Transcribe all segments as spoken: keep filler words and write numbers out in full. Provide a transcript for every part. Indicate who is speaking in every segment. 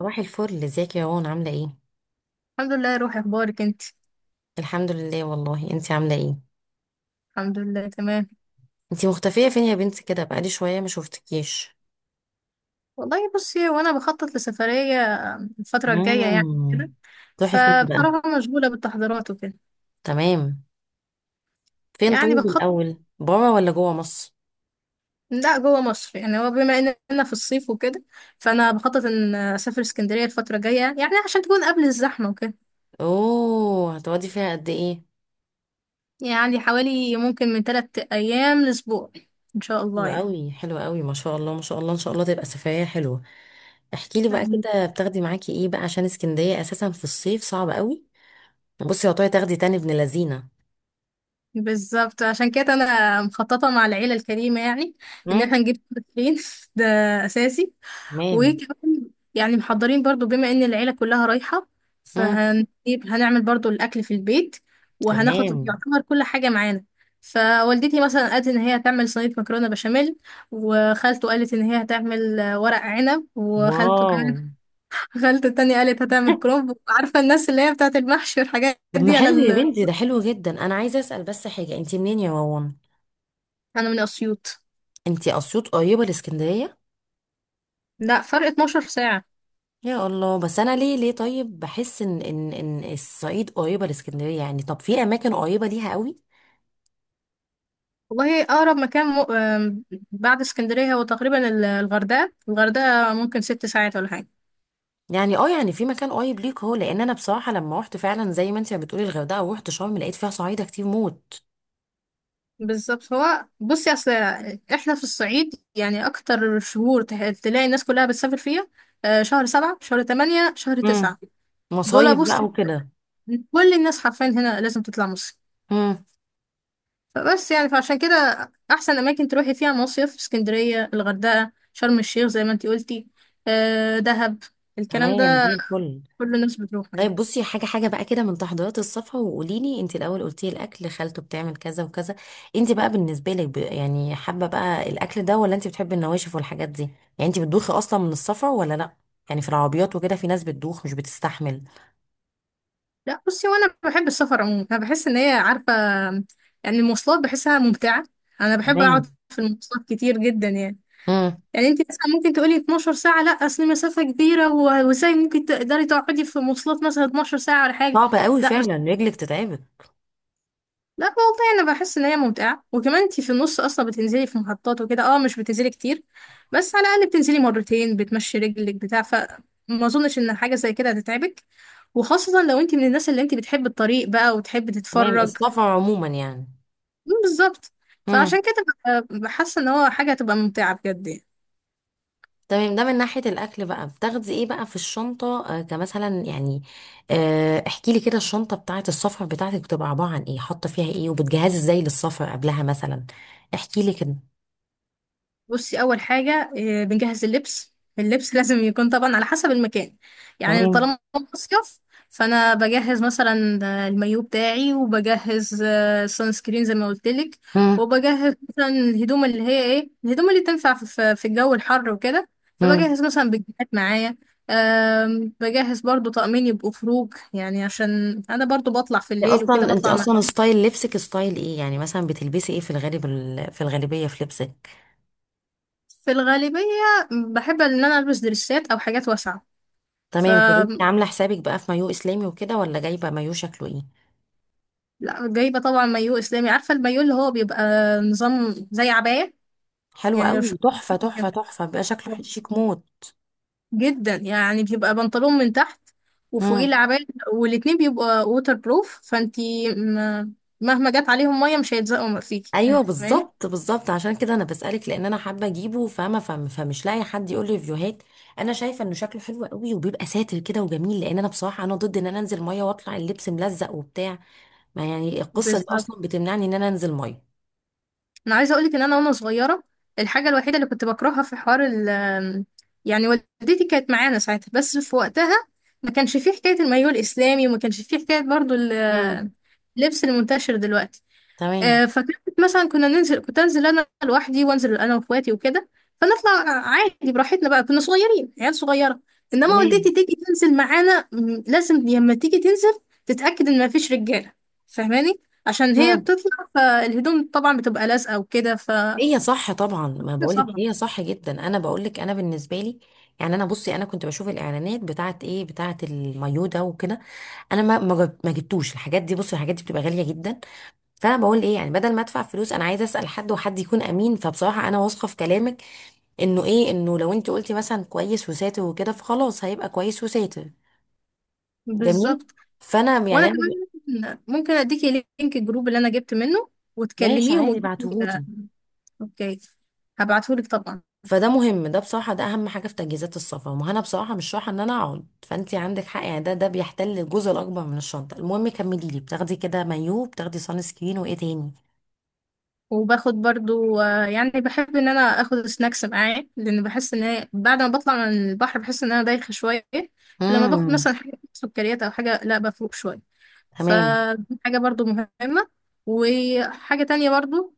Speaker 1: صباح الفل، ازيك يا روان؟ عاملة ايه؟
Speaker 2: الحمد لله يا روحي، اخبارك انت؟
Speaker 1: الحمد لله، والله انتي عاملة ايه؟
Speaker 2: الحمد لله تمام.
Speaker 1: انتي مختفية فين يا بنتي كده؟ بقالي شوية ما شفتكيش.
Speaker 2: والله بصي، وانا بخطط لسفرية الفترة الجاية يعني
Speaker 1: مم.
Speaker 2: كده.
Speaker 1: تروحي فين بقى؟
Speaker 2: فبصراحة مشغولة بالتحضيرات وكده.
Speaker 1: تمام. فين
Speaker 2: يعني
Speaker 1: طيب
Speaker 2: بخطط،
Speaker 1: الأول؟ برا ولا جوا مصر؟
Speaker 2: لا جوه مصر، يعني هو بما اننا في الصيف وكده، فانا بخطط ان اسافر اسكندرية الفترة الجاية يعني عشان تكون قبل الزحمة وكده.
Speaker 1: اوه، هتقعدي فيها قد ايه؟
Speaker 2: يعني حوالي ممكن من ثلاث ايام لاسبوع ان شاء الله
Speaker 1: حلوة
Speaker 2: يعني.
Speaker 1: قوي حلوة قوي، ما شاء الله ما شاء الله، ان شاء الله تبقى سفرية حلوة. احكي لي بقى
Speaker 2: يعني
Speaker 1: كده، بتاخدي معاكي ايه بقى؟ عشان اسكندرية اساسا في الصيف صعب قوي. بصي يا طارق تاخدي تاني ابن لذينة.
Speaker 2: بالظبط، عشان كده انا مخططة مع العيلة الكريمة يعني ان احنا
Speaker 1: مم.
Speaker 2: نجيب فين ده اساسي.
Speaker 1: تمام.
Speaker 2: وكمان يعني محضرين برضو، بما ان العيلة كلها رايحة،
Speaker 1: مم.
Speaker 2: فهنجيب هنعمل برضو الأكل في البيت، وهناخد
Speaker 1: تمام.
Speaker 2: يعتبر كل حاجة معانا. فوالدتي مثلا قالت ان هي هتعمل صينية مكرونة بشاميل، وخالته قالت ان هي هتعمل آه، ورق عنب، وخالته
Speaker 1: واو.
Speaker 2: كمان خالته التانية قالت هتعمل كرومب. عارفة الناس اللي هي بتاعة المحشي والحاجات
Speaker 1: طب ما
Speaker 2: دي على
Speaker 1: حلو يا
Speaker 2: ال...
Speaker 1: بنتي، ده حلو جدا. انا عايزه اسال بس حاجه، انت منين يا وون؟
Speaker 2: انا من أسيوط.
Speaker 1: انت اسيوط قريبه لاسكندريه؟
Speaker 2: لا فرق 12 ساعة.
Speaker 1: يا الله، بس انا ليه ليه طيب بحس ان ان ان الصعيد قريبه لاسكندريه يعني؟ طب في اماكن قريبه ليها قوي.
Speaker 2: والله أقرب مكان م... آم، بعد اسكندرية هو تقريبا ال- الغردقة. الغردقة ممكن ست ساعات ولا حاجة.
Speaker 1: يعني اه يعني في مكان قريب ليك، هو لان انا بصراحه لما رحت فعلا زي ما انت بتقولي الغردقه ورحت شرم لقيت فيها صعايده كتير موت.
Speaker 2: بالظبط، هو بصي اصل احنا في الصعيد يعني اكتر شهور ته- تلاقي الناس كلها بتسافر فيها آه، شهر سبعة شهر تمانية شهر
Speaker 1: امم.
Speaker 2: تسعة دول
Speaker 1: مصايب
Speaker 2: بص،
Speaker 1: بقى وكده.
Speaker 2: كل الناس حرفيا هنا لازم تطلع مصيف.
Speaker 1: امم.
Speaker 2: فبس يعني فعشان كده احسن اماكن تروحي فيها مصيف اسكندرية الغردقة شرم الشيخ زي ما انتي قلتي، آه، دهب، الكلام
Speaker 1: تمام
Speaker 2: ده
Speaker 1: زي الفل.
Speaker 2: كل الناس بتروحه يعني.
Speaker 1: طيب بصي حاجة حاجة بقى كده من تحضيرات الصفحة، وقولي لي انت الأول قلتي الأكل خالته بتعمل كذا وكذا. انت بقى بالنسبة لك ب- يعني حابة بقى الأكل ده، ولا انت بتحبي النواشف والحاجات دي؟ يعني انت بتدوخي أصلا من السفر ولا لأ؟ يعني في العربيات وكده في ناس بتدوخ مش بتستحمل.
Speaker 2: لا بصي، وانا بحب السفر عموما. انا بحس ان هي عارفه، يعني المواصلات بحسها ممتعه. انا بحب
Speaker 1: تمام.
Speaker 2: اقعد في المواصلات كتير جدا يعني.
Speaker 1: امم.
Speaker 2: يعني انت مثلا ممكن تقولي 12 ساعه، لا اصل مسافه كبيره و- وازاي ممكن تقدري تقعدي في مواصلات مثلا 12 ساعه ولا حاجه.
Speaker 1: صعب قوي
Speaker 2: لا بس،
Speaker 1: فعلا، رجلك تتعبك.
Speaker 2: لا والله انا بحس ان هي ممتعه. وكمان انت في النص اصلا بتنزلي في محطات وكده، اه مش بتنزلي كتير. بس على الاقل بتنزلي مرتين بتمشي رجلك بتاع، فما اظنش ان حاجه زي كده هتتعبك، وخاصة لو انت من الناس اللي انت بتحب الطريق بقى وتحب
Speaker 1: تمام،
Speaker 2: تتفرج.
Speaker 1: السفر عموما يعني.
Speaker 2: مم، بالظبط.
Speaker 1: امم.
Speaker 2: فعشان كده ببقى حاسه ان هو حاجه هتبقى ممتعه بجد يعني.
Speaker 1: تمام. ده من ناحية الأكل بقى، بتاخدي إيه بقى في الشنطة آه كمثلا يعني؟ آه احكي لي كده، الشنطة بتاعة السفر بتاعتك بتبقى عبارة عن إيه؟ حاطة فيها إيه؟ وبتجهزي إزاي للسفر قبلها مثلا؟ احكي لي كده.
Speaker 2: بصي اول حاجه، آه، بنجهز اللبس. اللبس لازم يكون طبعا على حسب المكان. يعني
Speaker 1: تمام.
Speaker 2: طالما مصيف، فانا بجهز مثلا آه، المايو بتاعي، وبجهز سان سكرين زي ما قلت لك.
Speaker 1: مم.
Speaker 2: وبجهز مثلا الهدوم اللي هي ايه الهدوم اللي تنفع في في- في الجو الحر وكده.
Speaker 1: مم.
Speaker 2: فبجهز مثلا بجهات معايا. آم، بجهز برضو طقمين يبقوا خروج يعني، عشان انا برضو بطلع في
Speaker 1: انت
Speaker 2: الليل وكده،
Speaker 1: أصلا، أنت
Speaker 2: بطلع مع
Speaker 1: أصلا ستايل لبسك ستايل إيه يعني؟ مثلا بتلبسي إيه في الغالب ال- في الغالبية في لبسك؟
Speaker 2: في الغالبية. بحب ان انا البس دريسات او حاجات واسعة. ف
Speaker 1: تمام. طب أنت عاملة حسابك بقى في مايو إسلامي وكده، ولا جايبة مايو شكله إيه؟
Speaker 2: لا، جايبة طبعا مايو اسلامي. عارفة المايو اللي هو بيبقى نظام زي عباية.
Speaker 1: حلو
Speaker 2: يعني لو
Speaker 1: قوي، تحفة تحفة
Speaker 2: شفتيه
Speaker 1: تحفة، بيبقى شكله شيك موت.
Speaker 2: جدا يعني، بيبقى بنطلون من تحت وفوقيه
Speaker 1: مم.
Speaker 2: العباية، والاتنين بيبقوا ووتر بروف. فانتي م- مهما جت عليهم مية مش هيتزقوا فيكي،
Speaker 1: ايوه
Speaker 2: فاهماني.
Speaker 1: بالظبط بالظبط، عشان كده انا بسالك لان انا حابه اجيبه فاهمه، فم- فمش لاقي حد يقول لي ريفيوهات. انا شايفه انه شكله حلو قوي وبيبقى ساتر كده وجميل، لان انا بصراحه انا ضد ان انا انزل ميه واطلع اللبس ملزق وبتاع. ما يعني القصه دي
Speaker 2: بالظبط.
Speaker 1: اصلا بتمنعني ان انا انزل ميه.
Speaker 2: انا عايزه اقولك ان انا وانا صغيره الحاجه الوحيده اللي كنت بكرهها في حوار ال، يعني والدتي كانت معانا ساعتها، بس في وقتها ما كانش فيه حكايه المايوه الاسلامي، وما كانش فيه حكايه برضو
Speaker 1: امم.
Speaker 2: ال- اللبس المنتشر دلوقتي.
Speaker 1: تمام.
Speaker 2: آه، فكانت مثلا كنا ننزل كنت انزل انا لوحدي، وانزل انا واخواتي وكده فنطلع عادي براحتنا بقى. كنا صغيرين عيال صغيره. انما
Speaker 1: تمام.
Speaker 2: والدتي تيجي تنزل معانا، م، لازم لما تيجي تنزل تتاكد ان مفيش رجاله، فاهماني؟ عشان هي
Speaker 1: امم.
Speaker 2: بتطلع فالهدوم طبعا بتبقى لازقه وكده ف
Speaker 1: هي صح طبعا، ما
Speaker 2: كده
Speaker 1: بقولك
Speaker 2: صعبه.
Speaker 1: هي صح جدا. انا بقولك انا بالنسبه لي يعني انا. بصي انا كنت بشوف الاعلانات بتاعت ايه بتاعت المايو ده وكده. انا ما ما جب- ما جبتوش الحاجات دي، بصي الحاجات دي بتبقى غاليه جدا. فانا بقول ايه يعني، بدل ما ادفع فلوس انا عايزه اسال حد، وحد يكون امين فبصراحه انا واثقه في كلامك. انه ايه، انه لو انت قلتي مثلا كويس وساتر وكده فخلاص هيبقى كويس وساتر. جميل.
Speaker 2: بالظبط.
Speaker 1: فانا
Speaker 2: وانا
Speaker 1: يعني انا.
Speaker 2: كمان ممكن ممكن اديكي لينك الجروب اللي انا جبت منه
Speaker 1: ماشي
Speaker 2: وتكلميهم
Speaker 1: عادي
Speaker 2: وتجيبي- آه،
Speaker 1: بعتهولي.
Speaker 2: اوكي. هبعتهولك طبعا.
Speaker 1: فده مهم، ده بصراحه ده اهم حاجه في تجهيزات السفر. ما انا بصراحه مش رايحه ان انا اقعد، فانت عندك حق يعني. ده ده بيحتل الجزء الاكبر من الشنطه. المهم كملي لي، بتاخدي كده مايو، بتاخدي سان سكرين، وايه تاني؟
Speaker 2: وباخد برضو، آه، يعني بحب ان انا اخد سناكس معايا، لان بحس ان هي بعد ما بطلع من البحر بحس ان انا دايخه شويه. فلما باخد
Speaker 1: امم.
Speaker 2: مثلا حاجه سكريات او حاجه لا بفوق شويه، فدي حاجه برضو مهمه. وحاجه تانية برضو،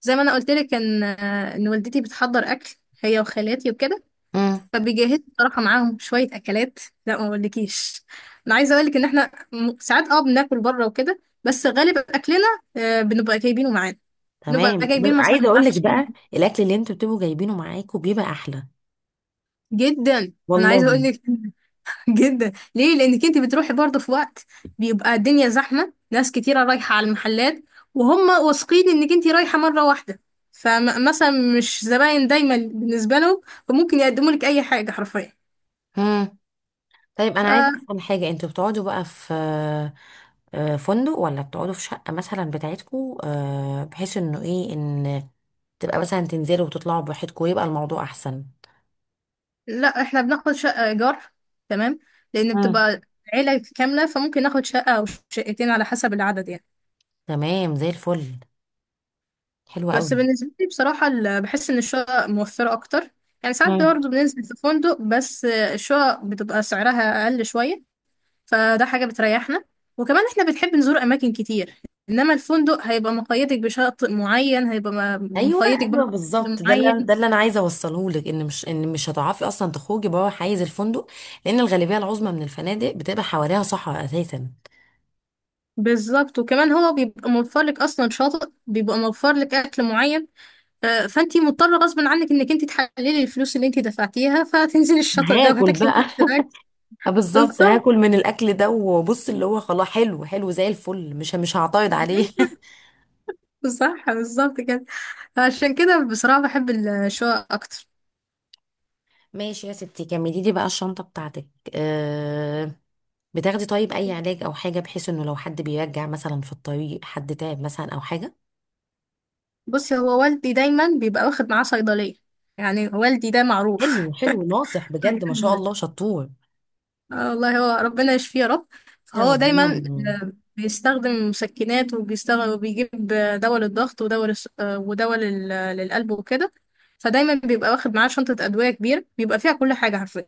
Speaker 2: زي ما انا قلت لك ان آه، ان والدتي بتحضر اكل هي وخالاتي وكده،
Speaker 1: تمام.
Speaker 2: فبيجهزوا بصراحه معاهم شويه اكلات. لا ما اقولكيش، انا عايزه اقول لك ان احنا م- ساعات اه بناكل بره وكده، بس غالب اكلنا آه، بنبقى جايبينه معانا. نبقى
Speaker 1: تمام، بس
Speaker 2: جايبين مثلا
Speaker 1: عايزه اقول لك
Speaker 2: معرفش كام.
Speaker 1: بقى الاكل اللي انتوا بتبقوا جايبينه معاكم بيبقى احلى.
Speaker 2: جدا انا عايزه اقول
Speaker 1: والله.
Speaker 2: لك جدا، ليه؟ لانك انت بتروحي برضه في وقت بيبقى الدنيا زحمه، ناس كتيره رايحه على المحلات، وهم واثقين انك انت رايحه مره واحده، فمثلا مش زباين دايما بالنسبه لهم، فممكن يقدموا لك اي حاجه حرفيا.
Speaker 1: مم. طيب انا عايزه
Speaker 2: ف-
Speaker 1: افهم حاجه، انتوا بتقعدوا بقى في آه، فندق، ولا بتقعدوا في شقه مثلا بتاعتكم، آه، بحيث انه ايه ان تبقى مثلا تنزلوا وتطلعوا براحتكم ويبقى الموضوع احسن؟
Speaker 2: لا احنا بناخد شقه ايجار. تمام. لان
Speaker 1: مم.
Speaker 2: بتبقى عيله كامله، فممكن ناخد شقه او شقتين على حسب العدد يعني.
Speaker 1: تمام زي الفل. حلو
Speaker 2: بس
Speaker 1: قوي.
Speaker 2: بالنسبة لي بصراحة ال- بحس إن الشقق موفرة أكتر. يعني ساعات برضه بننزل في فندق، بس الشقق بتبقى سعرها أقل شوية، فده حاجة بتريحنا. وكمان إحنا بنحب نزور أماكن كتير، إنما الفندق هيبقى مقيدك بشاطئ معين، هيبقى م-
Speaker 1: ايوه.
Speaker 2: مقيدك
Speaker 1: ايوه
Speaker 2: برضه بأكل
Speaker 1: بالظبط، ده اللي أنا-
Speaker 2: معين.
Speaker 1: ده اللي انا عايزه اوصله لك، ان مش ان مش هتعرفي اصلا تخرجي بره حيز الفندق، لان الغالبيه العظمى من الفنادق بتبقى حواليها صحراء اساسا.
Speaker 2: بالظبط. وكمان هو بيبقى موفر لك أصلا شاطئ، بيبقى موفر لك أكل معين. آه، فأنتي مضطرة غصب عنك إنك أنتي تحللي الفلوس اللي أنتي دفعتيها، فتنزلي الشاطئ ده
Speaker 1: هاكل
Speaker 2: وهتاكلي نفس
Speaker 1: بقى.
Speaker 2: الأكل.
Speaker 1: آه بالظبط،
Speaker 2: بالظبط.
Speaker 1: هاكل من الاكل ده وبص اللي هو خلاص حلو حلو زي الفل، مش مش هعترض عليه.
Speaker 2: صح بالظبط كده. عشان كده بصراحة بحب الشقق أكتر.
Speaker 1: ماشي يا ستي، كملي لي بقى الشنطه بتاعتك. أه، بتاخدي طيب اي علاج او حاجه، بحيث انه لو حد بيرجع مثلا في الطريق حد تعب مثلا او حاجه؟
Speaker 2: بصي هو والدي دايما بيبقى واخد معاه صيدلية. يعني والدي ده معروف
Speaker 1: حلو حلو، ناصح بجد ما شاء الله، شطور.
Speaker 2: اه والله هو ربنا يشفيه يا رب.
Speaker 1: يا
Speaker 2: فهو
Speaker 1: رب
Speaker 2: دايما
Speaker 1: اللهم
Speaker 2: آه، بيستخدم مسكنات، وبيستخدم وبيجيب آه، دواء للضغط، ودواء للس- آه، ودواء لل- للقلب وكده. فدايما بيبقى واخد معاه شنطة أدوية كبيرة، بيبقى فيها كل حاجة حرفيا.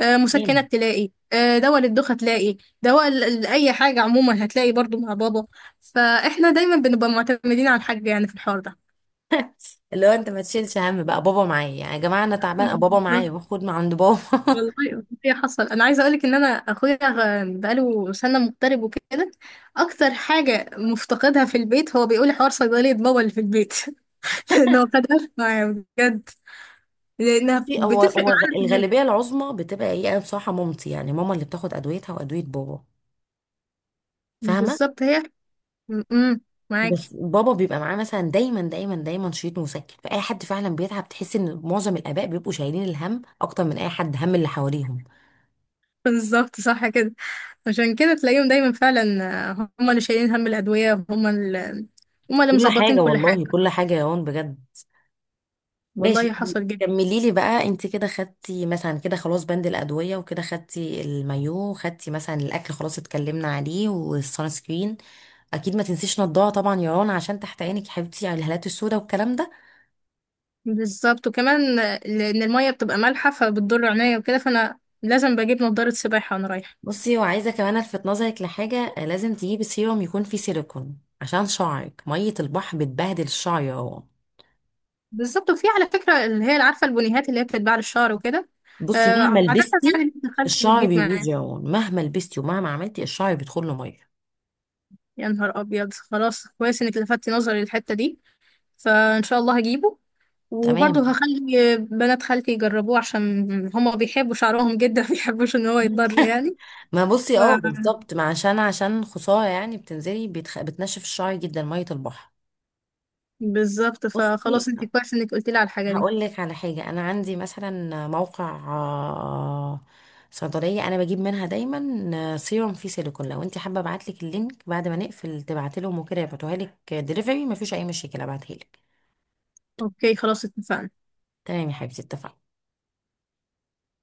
Speaker 2: آه،
Speaker 1: آمين.
Speaker 2: مسكنات، تلاقي آه، دواء للدوخة، تلاقي دواء ل- لأي حاجة عموما هتلاقي برضو مع بابا. فإحنا دايما بنبقى معتمدين على الحاج يعني في الحوار ده.
Speaker 1: اللي هو انت ما تشيلش هم، بقى بابا معايا يعني، يا جماعه انا تعبان بابا معايا،
Speaker 2: بالظبط.
Speaker 1: باخد من عند بابا.
Speaker 2: والله هي حصل. أنا عايزة أقولك إن أنا أخويا غ- بقاله سنة مغترب وكده، أكتر حاجة مفتقدها في البيت هو بيقول حوار صيدلية بابا اللي في البيت. لأنه خدها معايا بجد، لأنها
Speaker 1: بصي، هو
Speaker 2: بتفرق
Speaker 1: هو غ-
Speaker 2: معانا كلنا.
Speaker 1: الغالبيه العظمى بتبقى ايه، انا بصراحه مامتي يعني، ماما اللي بتاخد ادويتها وادويه بابا، فاهمه؟
Speaker 2: بالظبط هي م- م- معاكي.
Speaker 1: بس بابا بيبقى معاه مثلا دايما دايما دايما شريط مسكن، فاي حد فعلا بيتعب. تحس ان معظم الاباء بيبقوا شايلين الهم اكتر من اي حد هم اللي حواليهم.
Speaker 2: بالظبط صح كده. عشان كده تلاقيهم دايما فعلا آه، هم اللي شايلين هم الأدوية، هم اللي هم اللي
Speaker 1: كل
Speaker 2: مظبطين
Speaker 1: حاجه
Speaker 2: كل حاجة.
Speaker 1: والله، كل حاجه يا هون بجد.
Speaker 2: والله
Speaker 1: ماشي.
Speaker 2: حصل جدا.
Speaker 1: كملي لي بقى، انت كده خدتي مثلا كده خلاص بند الادويه وكده، خدتي المايو، خدتي مثلا الاكل خلاص اتكلمنا عليه، والسان سكرين اكيد ما تنسيش نضاره طبعا يا رنا عشان تحت عينك يا حبيبتي على الهالات السوداء والكلام ده.
Speaker 2: بالظبط وكمان آه، لأن المية بتبقى مالحة فبتضر عينيا وكده، فأنا لازم بجيب نضارة سباحة وأنا رايحة.
Speaker 1: بصي، وعايزه كمان الفت نظرك لحاجه، لازم تجيبي سيروم يكون فيه سيليكون عشان شعرك، ميه البحر بتبهدل الشعر يا رنا.
Speaker 2: بالظبط. وفي على فكرة اللي هي عارفة البنيهات اللي هي بتتباع للشعر وكده،
Speaker 1: بصي مهما
Speaker 2: آه، عادة
Speaker 1: لبستي،
Speaker 2: يعني بنت خالتي
Speaker 1: الشعر
Speaker 2: بتجيب
Speaker 1: بيبوظ
Speaker 2: معايا.
Speaker 1: يا رنا، مهما لبستي ومهما عملتي الشعر بيدخل له ميه.
Speaker 2: يا نهار أبيض، خلاص كويس إنك لفتتي نظري للحتة دي، فإن شاء الله هجيبه. وبرضه
Speaker 1: تمام.
Speaker 2: هخلي بنات خالتي يجربوه، عشان هما بيحبوا شعرهم جدا مبيحبوش ان هو يتضر يعني.
Speaker 1: ما بصي
Speaker 2: ف...
Speaker 1: اه بالظبط، ما عشان عشان خسارة يعني، بتنزلي بتخ... بتنشف الشعر جدا مية البحر.
Speaker 2: بالظبط. فخلاص
Speaker 1: بصي،
Speaker 2: انت كويس انك قلتي لي على الحاجة دي.
Speaker 1: هقول لك على حاجة، أنا عندي مثلا موقع آه، صيدلية أنا بجيب منها دايما آه، سيروم فيه سيليكون، لو أنت حابة أبعتلك اللينك بعد ما نقفل تبعتلهم وكده يبعتوها لك دليفري مفيش أي مشكلة أبعتهالك.
Speaker 2: اوكي خلاص اتفقنا.
Speaker 1: تمام يا حبيبتي اتفقنا.